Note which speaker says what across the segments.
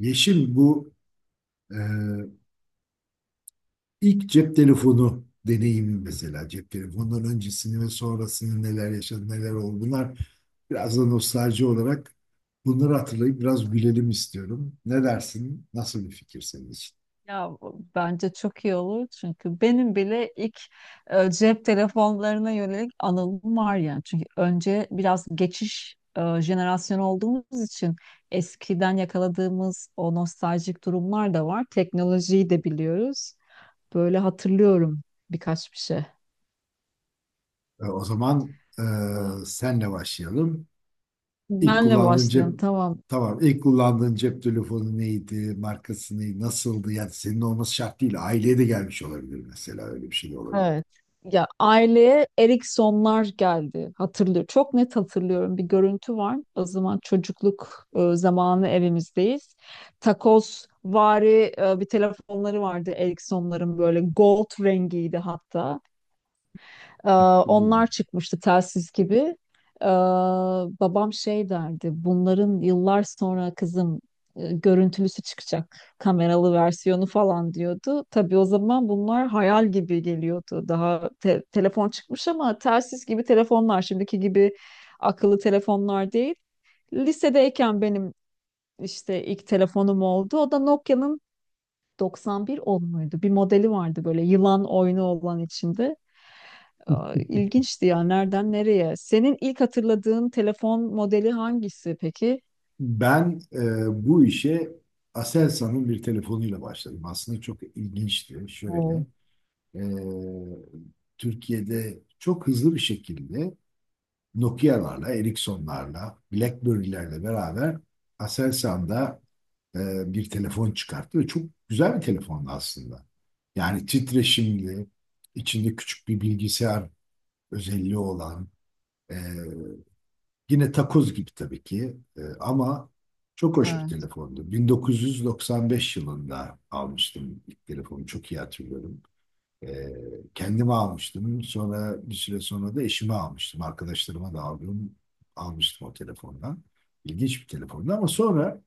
Speaker 1: Yeşim, bu e, ilk cep telefonu deneyimi, mesela cep telefonundan öncesini ve sonrasını, neler yaşadı, neler oldu, bunlar biraz da nostalji olarak, bunları hatırlayıp biraz gülelim istiyorum. Ne dersin? Nasıl bir fikir senin için?
Speaker 2: Ya bence çok iyi olur çünkü benim bile ilk cep telefonlarına yönelik anılım var yani. Çünkü önce biraz geçiş jenerasyonu olduğumuz için eskiden yakaladığımız o nostaljik durumlar da var. Teknolojiyi de biliyoruz. Böyle hatırlıyorum birkaç bir şey.
Speaker 1: E, o zaman e,
Speaker 2: Aa,
Speaker 1: senle başlayalım. İlk
Speaker 2: benle
Speaker 1: kullandığın
Speaker 2: başlayalım,
Speaker 1: cep
Speaker 2: tamam.
Speaker 1: Tamam, ilk kullandığın cep telefonu neydi? Markası neydi? Nasıldı? Yani senin olması şart değil. Aileye de gelmiş olabilir, mesela öyle bir şey de olabilir.
Speaker 2: Evet. Ya, aileye Eriksonlar geldi. Hatırlıyor. Çok net hatırlıyorum. Bir görüntü var. O zaman çocukluk zamanı evimizdeyiz. Takoz vari bir telefonları vardı Eriksonların, böyle gold rengiydi hatta. Ee,
Speaker 1: Bu
Speaker 2: Onlar çıkmıştı telsiz gibi. Ee, Babam şey derdi, bunların yıllar sonra kızım görüntülüsü çıkacak, kameralı versiyonu falan diyordu. Tabii o zaman bunlar hayal gibi geliyordu. Daha telefon çıkmış ama telsiz gibi telefonlar, şimdiki gibi akıllı telefonlar değil. Lisedeyken benim işte ilk telefonum oldu. O da Nokia'nın 9110 muydu? Bir modeli vardı böyle yılan oyunu olan içinde. Aa, İlginçti ya, nereden nereye? Senin ilk hatırladığın telefon modeli hangisi peki?
Speaker 1: Ben e, Bu işe Aselsan'ın bir telefonuyla başladım. Aslında çok ilginçti. Şöyle,
Speaker 2: Oo,
Speaker 1: e, Türkiye'de çok hızlı bir şekilde Nokia'larla, Ericsson'larla, BlackBerry'lerle beraber Aselsan'da e, bir telefon çıkarttı ve çok güzel bir telefondu aslında. Yani titreşimli, içinde küçük bir bilgisayar özelliği olan, e, yine takoz gibi tabii ki, ama çok hoş bir
Speaker 2: evet,
Speaker 1: telefondu. 1995 yılında almıştım ilk telefonu. Çok iyi hatırlıyorum. Ee, Kendime almıştım. Sonra bir süre sonra da eşime almıştım. Almıştım o telefondan. İlginç bir telefondu ama sonra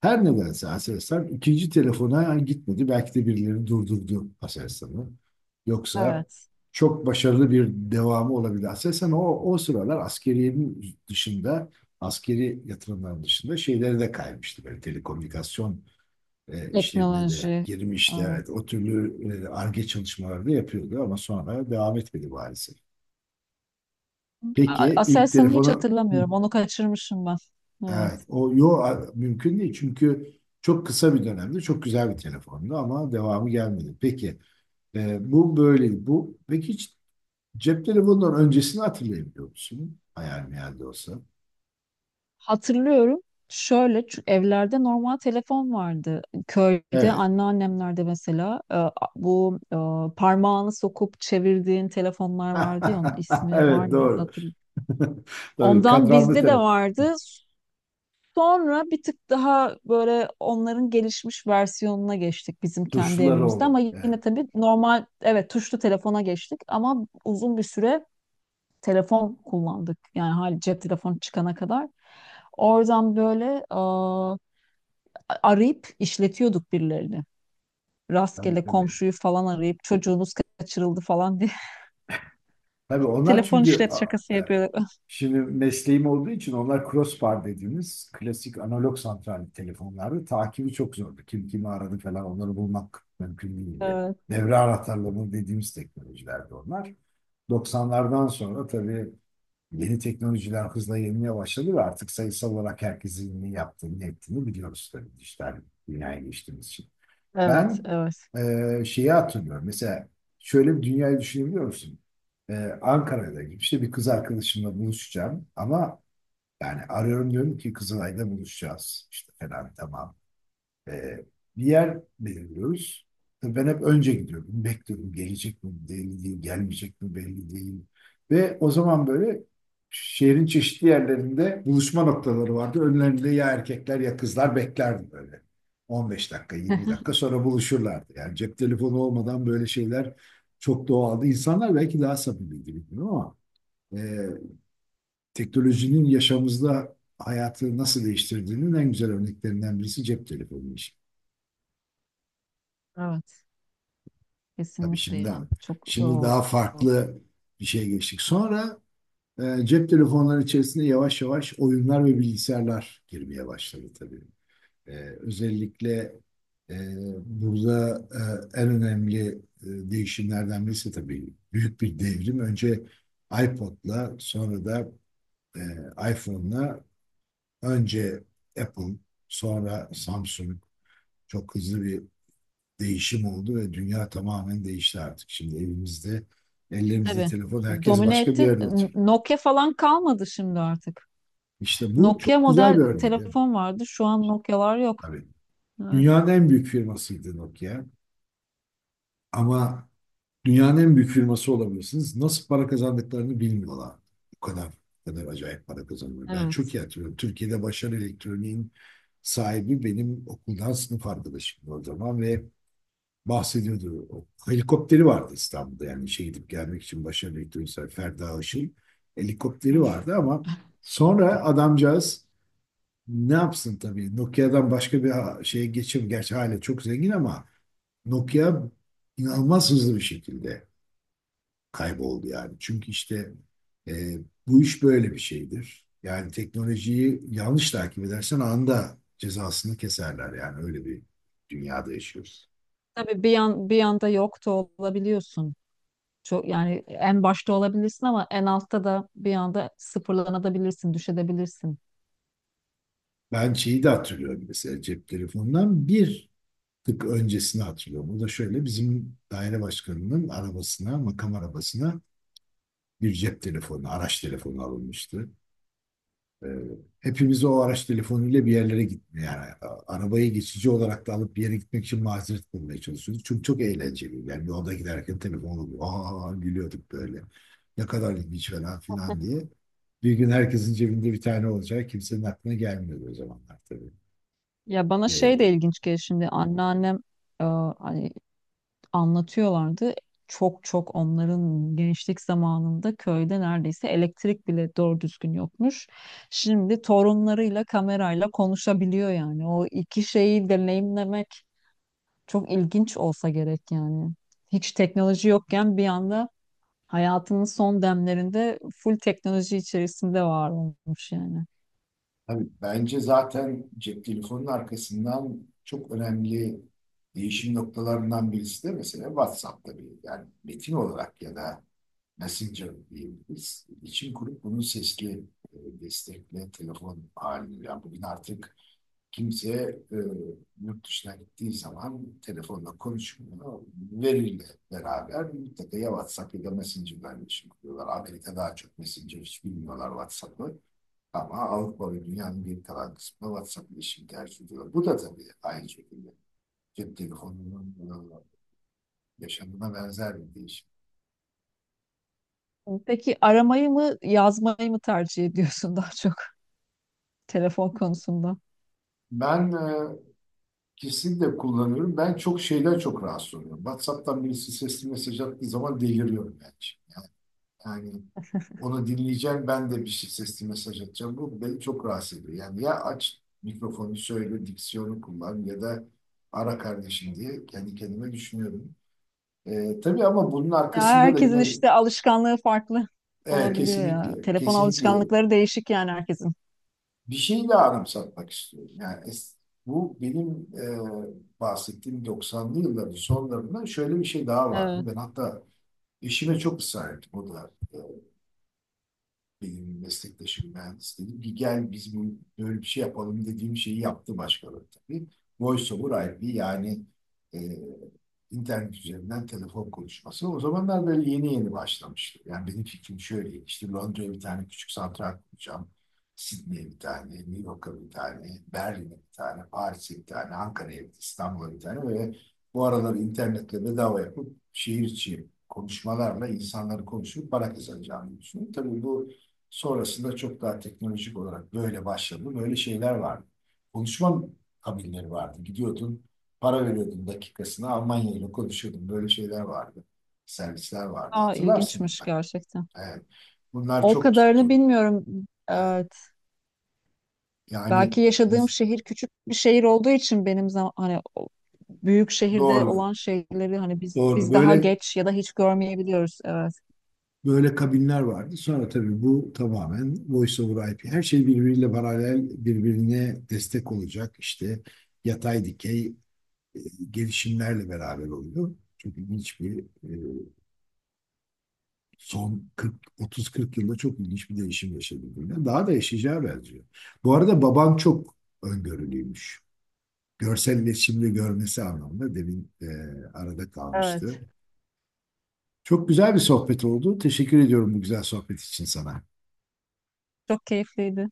Speaker 1: her nedense Aselsan ikinci telefona gitmedi. Belki de birileri durdurdu Aselsan'ı. Yoksa
Speaker 2: evet.
Speaker 1: çok başarılı bir devamı olabilir. Aselsan o sıralar askeriyenin dışında, askeri yatırımların dışında şeyleri de kaymıştı. Böyle telekomünikasyon işlerine de
Speaker 2: Teknoloji.
Speaker 1: girmişti. Evet,
Speaker 2: Evet.
Speaker 1: o türlü Ar-Ge çalışmaları da yapıyordu ama sonra devam etmedi maalesef. Peki ilk
Speaker 2: Aselsan'ı hiç
Speaker 1: telefonu...
Speaker 2: hatırlamıyorum. Onu kaçırmışım ben.
Speaker 1: Evet,
Speaker 2: Evet.
Speaker 1: o yo mümkün değil çünkü çok kısa bir dönemde çok güzel bir telefondu ama devamı gelmedi. Peki e, bu böyle bu peki hiç cep telefonundan öncesini hatırlayabiliyor musun? Hayal meyal de olsa.
Speaker 2: Hatırlıyorum. Şöyle, çünkü evlerde normal telefon vardı. Köyde
Speaker 1: Evet.
Speaker 2: anneannemlerde mesela bu parmağını sokup çevirdiğin telefonlar vardı ya, onun ismi var
Speaker 1: Evet,
Speaker 2: mıydı
Speaker 1: doğru.
Speaker 2: hatırlamıyorum.
Speaker 1: Tabii
Speaker 2: Ondan
Speaker 1: kadranlı,
Speaker 2: bizde de
Speaker 1: tabii
Speaker 2: vardı. Sonra bir tık daha böyle onların gelişmiş versiyonuna geçtik bizim kendi
Speaker 1: tuşları
Speaker 2: evimizde
Speaker 1: olur.
Speaker 2: ama
Speaker 1: Evet.
Speaker 2: yine tabii normal evet tuşlu telefona geçtik ama uzun bir süre telefon kullandık. Yani hali cep telefonu çıkana kadar. Oradan böyle aa, arayıp işletiyorduk birilerini.
Speaker 1: Tabii,
Speaker 2: Rastgele
Speaker 1: tabii.
Speaker 2: komşuyu falan arayıp çocuğunuz kaçırıldı falan diye
Speaker 1: Tabii onlar
Speaker 2: telefon
Speaker 1: çünkü
Speaker 2: işlet şakası yapıyorduk.
Speaker 1: şimdi mesleğim olduğu için, onlar crossbar dediğimiz klasik analog santral telefonlardı. Takibi çok zordu. Kim kimi aradı falan, onları bulmak mümkün değildi.
Speaker 2: Evet,
Speaker 1: Devre anahtarları dediğimiz teknolojilerdi onlar. 90'lardan sonra tabii yeni teknolojiler hızla yenilmeye başladı ve artık sayısal olarak herkesin ne yaptığını, ne ettiğini biliyoruz, tabii dijital dünyaya geçtiğimiz için.
Speaker 2: evet,
Speaker 1: Ben
Speaker 2: evet.
Speaker 1: şeyi hatırlıyorum. Mesela şöyle bir dünyayı düşünebiliyor musun? E, Ankara'da gibi işte bir kız arkadaşımla buluşacağım ama yani arıyorum, diyorum ki Kızılay'da buluşacağız. İşte falan tamam. Ee, Bir yer belirliyoruz. Tabii ben hep önce gidiyorum. Bekliyorum. Gelecek mi belli değil, gelmeyecek mi belli değil. Ve o zaman böyle şehrin çeşitli yerlerinde buluşma noktaları vardı. Önlerinde ya erkekler ya kızlar beklerdi böyle. 15 dakika, 20 dakika sonra buluşurlardı. Yani cep telefonu olmadan böyle şeyler çok doğaldı. İnsanlar belki daha samimiydi bilmiyorum ama e, teknolojinin yaşamımızda hayatı nasıl değiştirdiğinin en güzel örneklerinden birisi cep telefonu.
Speaker 2: Evet,
Speaker 1: Tabii
Speaker 2: kesinlikle
Speaker 1: şimdi
Speaker 2: ya. Çok
Speaker 1: şimdi
Speaker 2: o,
Speaker 1: daha farklı bir şey geçtik. Sonra cep telefonları içerisinde yavaş yavaş oyunlar ve bilgisayarlar girmeye başladı tabii. E, Özellikle e, burada en önemli değişimlerden birisi tabii büyük bir devrim. Önce iPod'la, sonra da e, iPhone'la, önce Apple, sonra Samsung, çok hızlı bir değişim oldu ve dünya tamamen değişti artık. Şimdi evimizde, ellerimizde
Speaker 2: tabii.
Speaker 1: telefon, herkes
Speaker 2: Domine
Speaker 1: başka bir
Speaker 2: etti.
Speaker 1: yerde oturuyor.
Speaker 2: Nokia falan kalmadı şimdi artık.
Speaker 1: İşte bu
Speaker 2: Nokia
Speaker 1: çok güzel bir
Speaker 2: model
Speaker 1: örnek. Evet.
Speaker 2: telefon vardı. Şu an Nokia'lar yok.
Speaker 1: Tabii.
Speaker 2: Evet.
Speaker 1: Dünyanın en büyük firmasıydı Nokia. Ama dünyanın en büyük firması olabilirsiniz, nasıl para kazandıklarını bilmiyorlar. Bu kadar, bu kadar acayip para kazanıyor. Ben çok
Speaker 2: Evet.
Speaker 1: iyi hatırlıyorum. Türkiye'de Başarı Elektronik'in sahibi benim okuldan sınıf arkadaşım o zaman ve bahsediyordu. O helikopteri vardı İstanbul'da, yani şey, gidip gelmek için, başarılı elektronisyen Ferda Işık'ın helikopteri
Speaker 2: Üf.
Speaker 1: vardı ama sonra adamcağız ne yapsın, tabii Nokia'dan başka bir şeye geçim, gerçi hala çok zengin ama Nokia inanılmaz hızlı bir şekilde kayboldu yani. Çünkü işte e, bu iş böyle bir şeydir. Yani teknolojiyi yanlış takip edersen anında cezasını keserler, yani öyle bir dünyada yaşıyoruz.
Speaker 2: Tabii bir yan, bir yanda yok da olabiliyorsun. Çok yani, en başta olabilirsin ama en altta da bir anda sıfırlanabilirsin, düşebilirsin.
Speaker 1: Ben şeyi de hatırlıyorum, mesela cep telefonundan bir tık öncesini hatırlıyorum. O da şöyle, bizim daire başkanının arabasına, makam arabasına bir cep telefonu, araç telefonu alınmıştı. Ee, Hepimiz o araç telefonuyla bir yerlere gitme, yani arabayı geçici olarak da alıp bir yere gitmek için mazeret bulmaya çalışıyorduk. Çünkü çok eğlenceliydi. Yani yolda giderken telefon oluyor. Aa, gülüyorduk böyle. Ne kadar ilginç falan filan diye. Bir gün herkesin cebinde bir tane olacak, kimsenin aklına gelmiyordu o zamanlar tabii.
Speaker 2: Ya bana şey de
Speaker 1: Ee,
Speaker 2: ilginç geliyor şimdi, anneannem e, hani anlatıyorlardı. Çok çok onların gençlik zamanında köyde neredeyse elektrik bile doğru düzgün yokmuş. Şimdi torunlarıyla kamerayla konuşabiliyor yani. O iki şeyi deneyimlemek çok ilginç olsa gerek yani. Hiç teknoloji yokken bir anda hayatının son demlerinde full teknoloji içerisinde var olmuş yani.
Speaker 1: Tabii bence zaten cep telefonunun arkasından çok önemli değişim noktalarından birisi de mesela WhatsApp tabii. Yani metin olarak ya da Messenger diyebiliriz. İçin kurup bunun sesli destekle telefon halini. Yani bugün artık kimse e, yurt dışına gittiği zaman telefonla konuşmuyor. Veriyle beraber mutlaka ya WhatsApp ya da Messenger'dan iletişim kuruyorlar. Amerika daha çok Messenger, hiç bilmiyorlar WhatsApp'ı. Ama Avrupa ve dünyanın geri kalan kısmı WhatsApp iletişim tercih ediyor. Bu da tabii aynı şekilde cep telefonunun yaşamına benzer bir değişim.
Speaker 2: Peki aramayı mı yazmayı mı tercih ediyorsun daha çok telefon konusunda?
Speaker 1: Ben kesinlikle kullanıyorum. Ben çok çok rahatsız oluyorum. WhatsApp'tan birisi sesli mesaj attığı zaman deliriyorum ben şimdi. Yani onu dinleyeceğim, ben de bir şey sesli mesaj atacağım. Bu beni çok rahatsız ediyor. Yani ya aç mikrofonu söyle, diksiyonu kullan ya da ara kardeşim, diye kendi kendime düşünüyorum. Tabii ama bunun
Speaker 2: Ya
Speaker 1: arkasında da
Speaker 2: herkesin
Speaker 1: yine,
Speaker 2: işte alışkanlığı farklı
Speaker 1: evet,
Speaker 2: olabiliyor ya.
Speaker 1: kesinlikle,
Speaker 2: Telefon
Speaker 1: kesinlikle
Speaker 2: alışkanlıkları değişik yani herkesin.
Speaker 1: bir şeyle anımsatmak istiyorum. Bu benim bahsettiğim 90'lı yılların sonlarında şöyle bir şey daha vardı.
Speaker 2: Evet.
Speaker 1: Ben hatta eşime çok ısrar ettim. O da benim meslektaşım mühendis dedi ki gel biz bu, böyle bir şey yapalım dediğim şeyi yaptı başkaları tabii. VoiceOver IP, yani e, internet üzerinden telefon konuşması. O zamanlar böyle yeni yeni başlamıştı. Yani benim fikrim şöyle, işte Londra'ya bir tane küçük santral kuracağım. Sydney'e bir tane, New York'a bir tane, Berlin'e bir tane, Paris'e bir tane, Ankara'ya bir, İstanbul'a bir tane ve bu aralar internetle bedava yapıp şehir içi konuşmalarla insanları konuşup para kazanacağını düşünüyorum. Tabii bu sonrasında çok daha teknolojik olarak böyle başladı. Böyle şeyler vardı. Konuşma kabinleri vardı. Gidiyordun, para veriyordun dakikasına. Almanya ile konuşuyordun. Böyle şeyler vardı. Servisler vardı.
Speaker 2: Aa,
Speaker 1: Hatırlarsın
Speaker 2: ilginçmiş
Speaker 1: mutlaka.
Speaker 2: gerçekten.
Speaker 1: Evet. Bunlar
Speaker 2: O
Speaker 1: çok
Speaker 2: kadarını
Speaker 1: tuttu.
Speaker 2: bilmiyorum.
Speaker 1: Evet.
Speaker 2: Evet.
Speaker 1: Yani
Speaker 2: Belki yaşadığım
Speaker 1: ins-
Speaker 2: şehir küçük bir şehir olduğu için benim zaman, hani o büyük şehirde
Speaker 1: doğru.
Speaker 2: olan şeyleri hani biz
Speaker 1: Doğru.
Speaker 2: biz daha
Speaker 1: Böyle
Speaker 2: geç ya da hiç görmeyebiliyoruz. Evet.
Speaker 1: böyle kabinler vardı. Sonra tabii bu tamamen Voice over IP. Her şey birbiriyle paralel, birbirine destek olacak. İşte yatay dikey e, gelişimlerle beraber oluyor. Çok ilginç bir son 40 30-40 yılda çok ilginç bir değişim yaşadı. Daha da yaşayacağı benziyor. Bu arada baban çok öngörülüymüş. Görsel iletişimde görmesi anlamında, demin arada kalmıştı.
Speaker 2: Evet.
Speaker 1: Çok güzel bir sohbet oldu. Teşekkür ediyorum bu güzel sohbet için sana.
Speaker 2: Çok keyifliydi.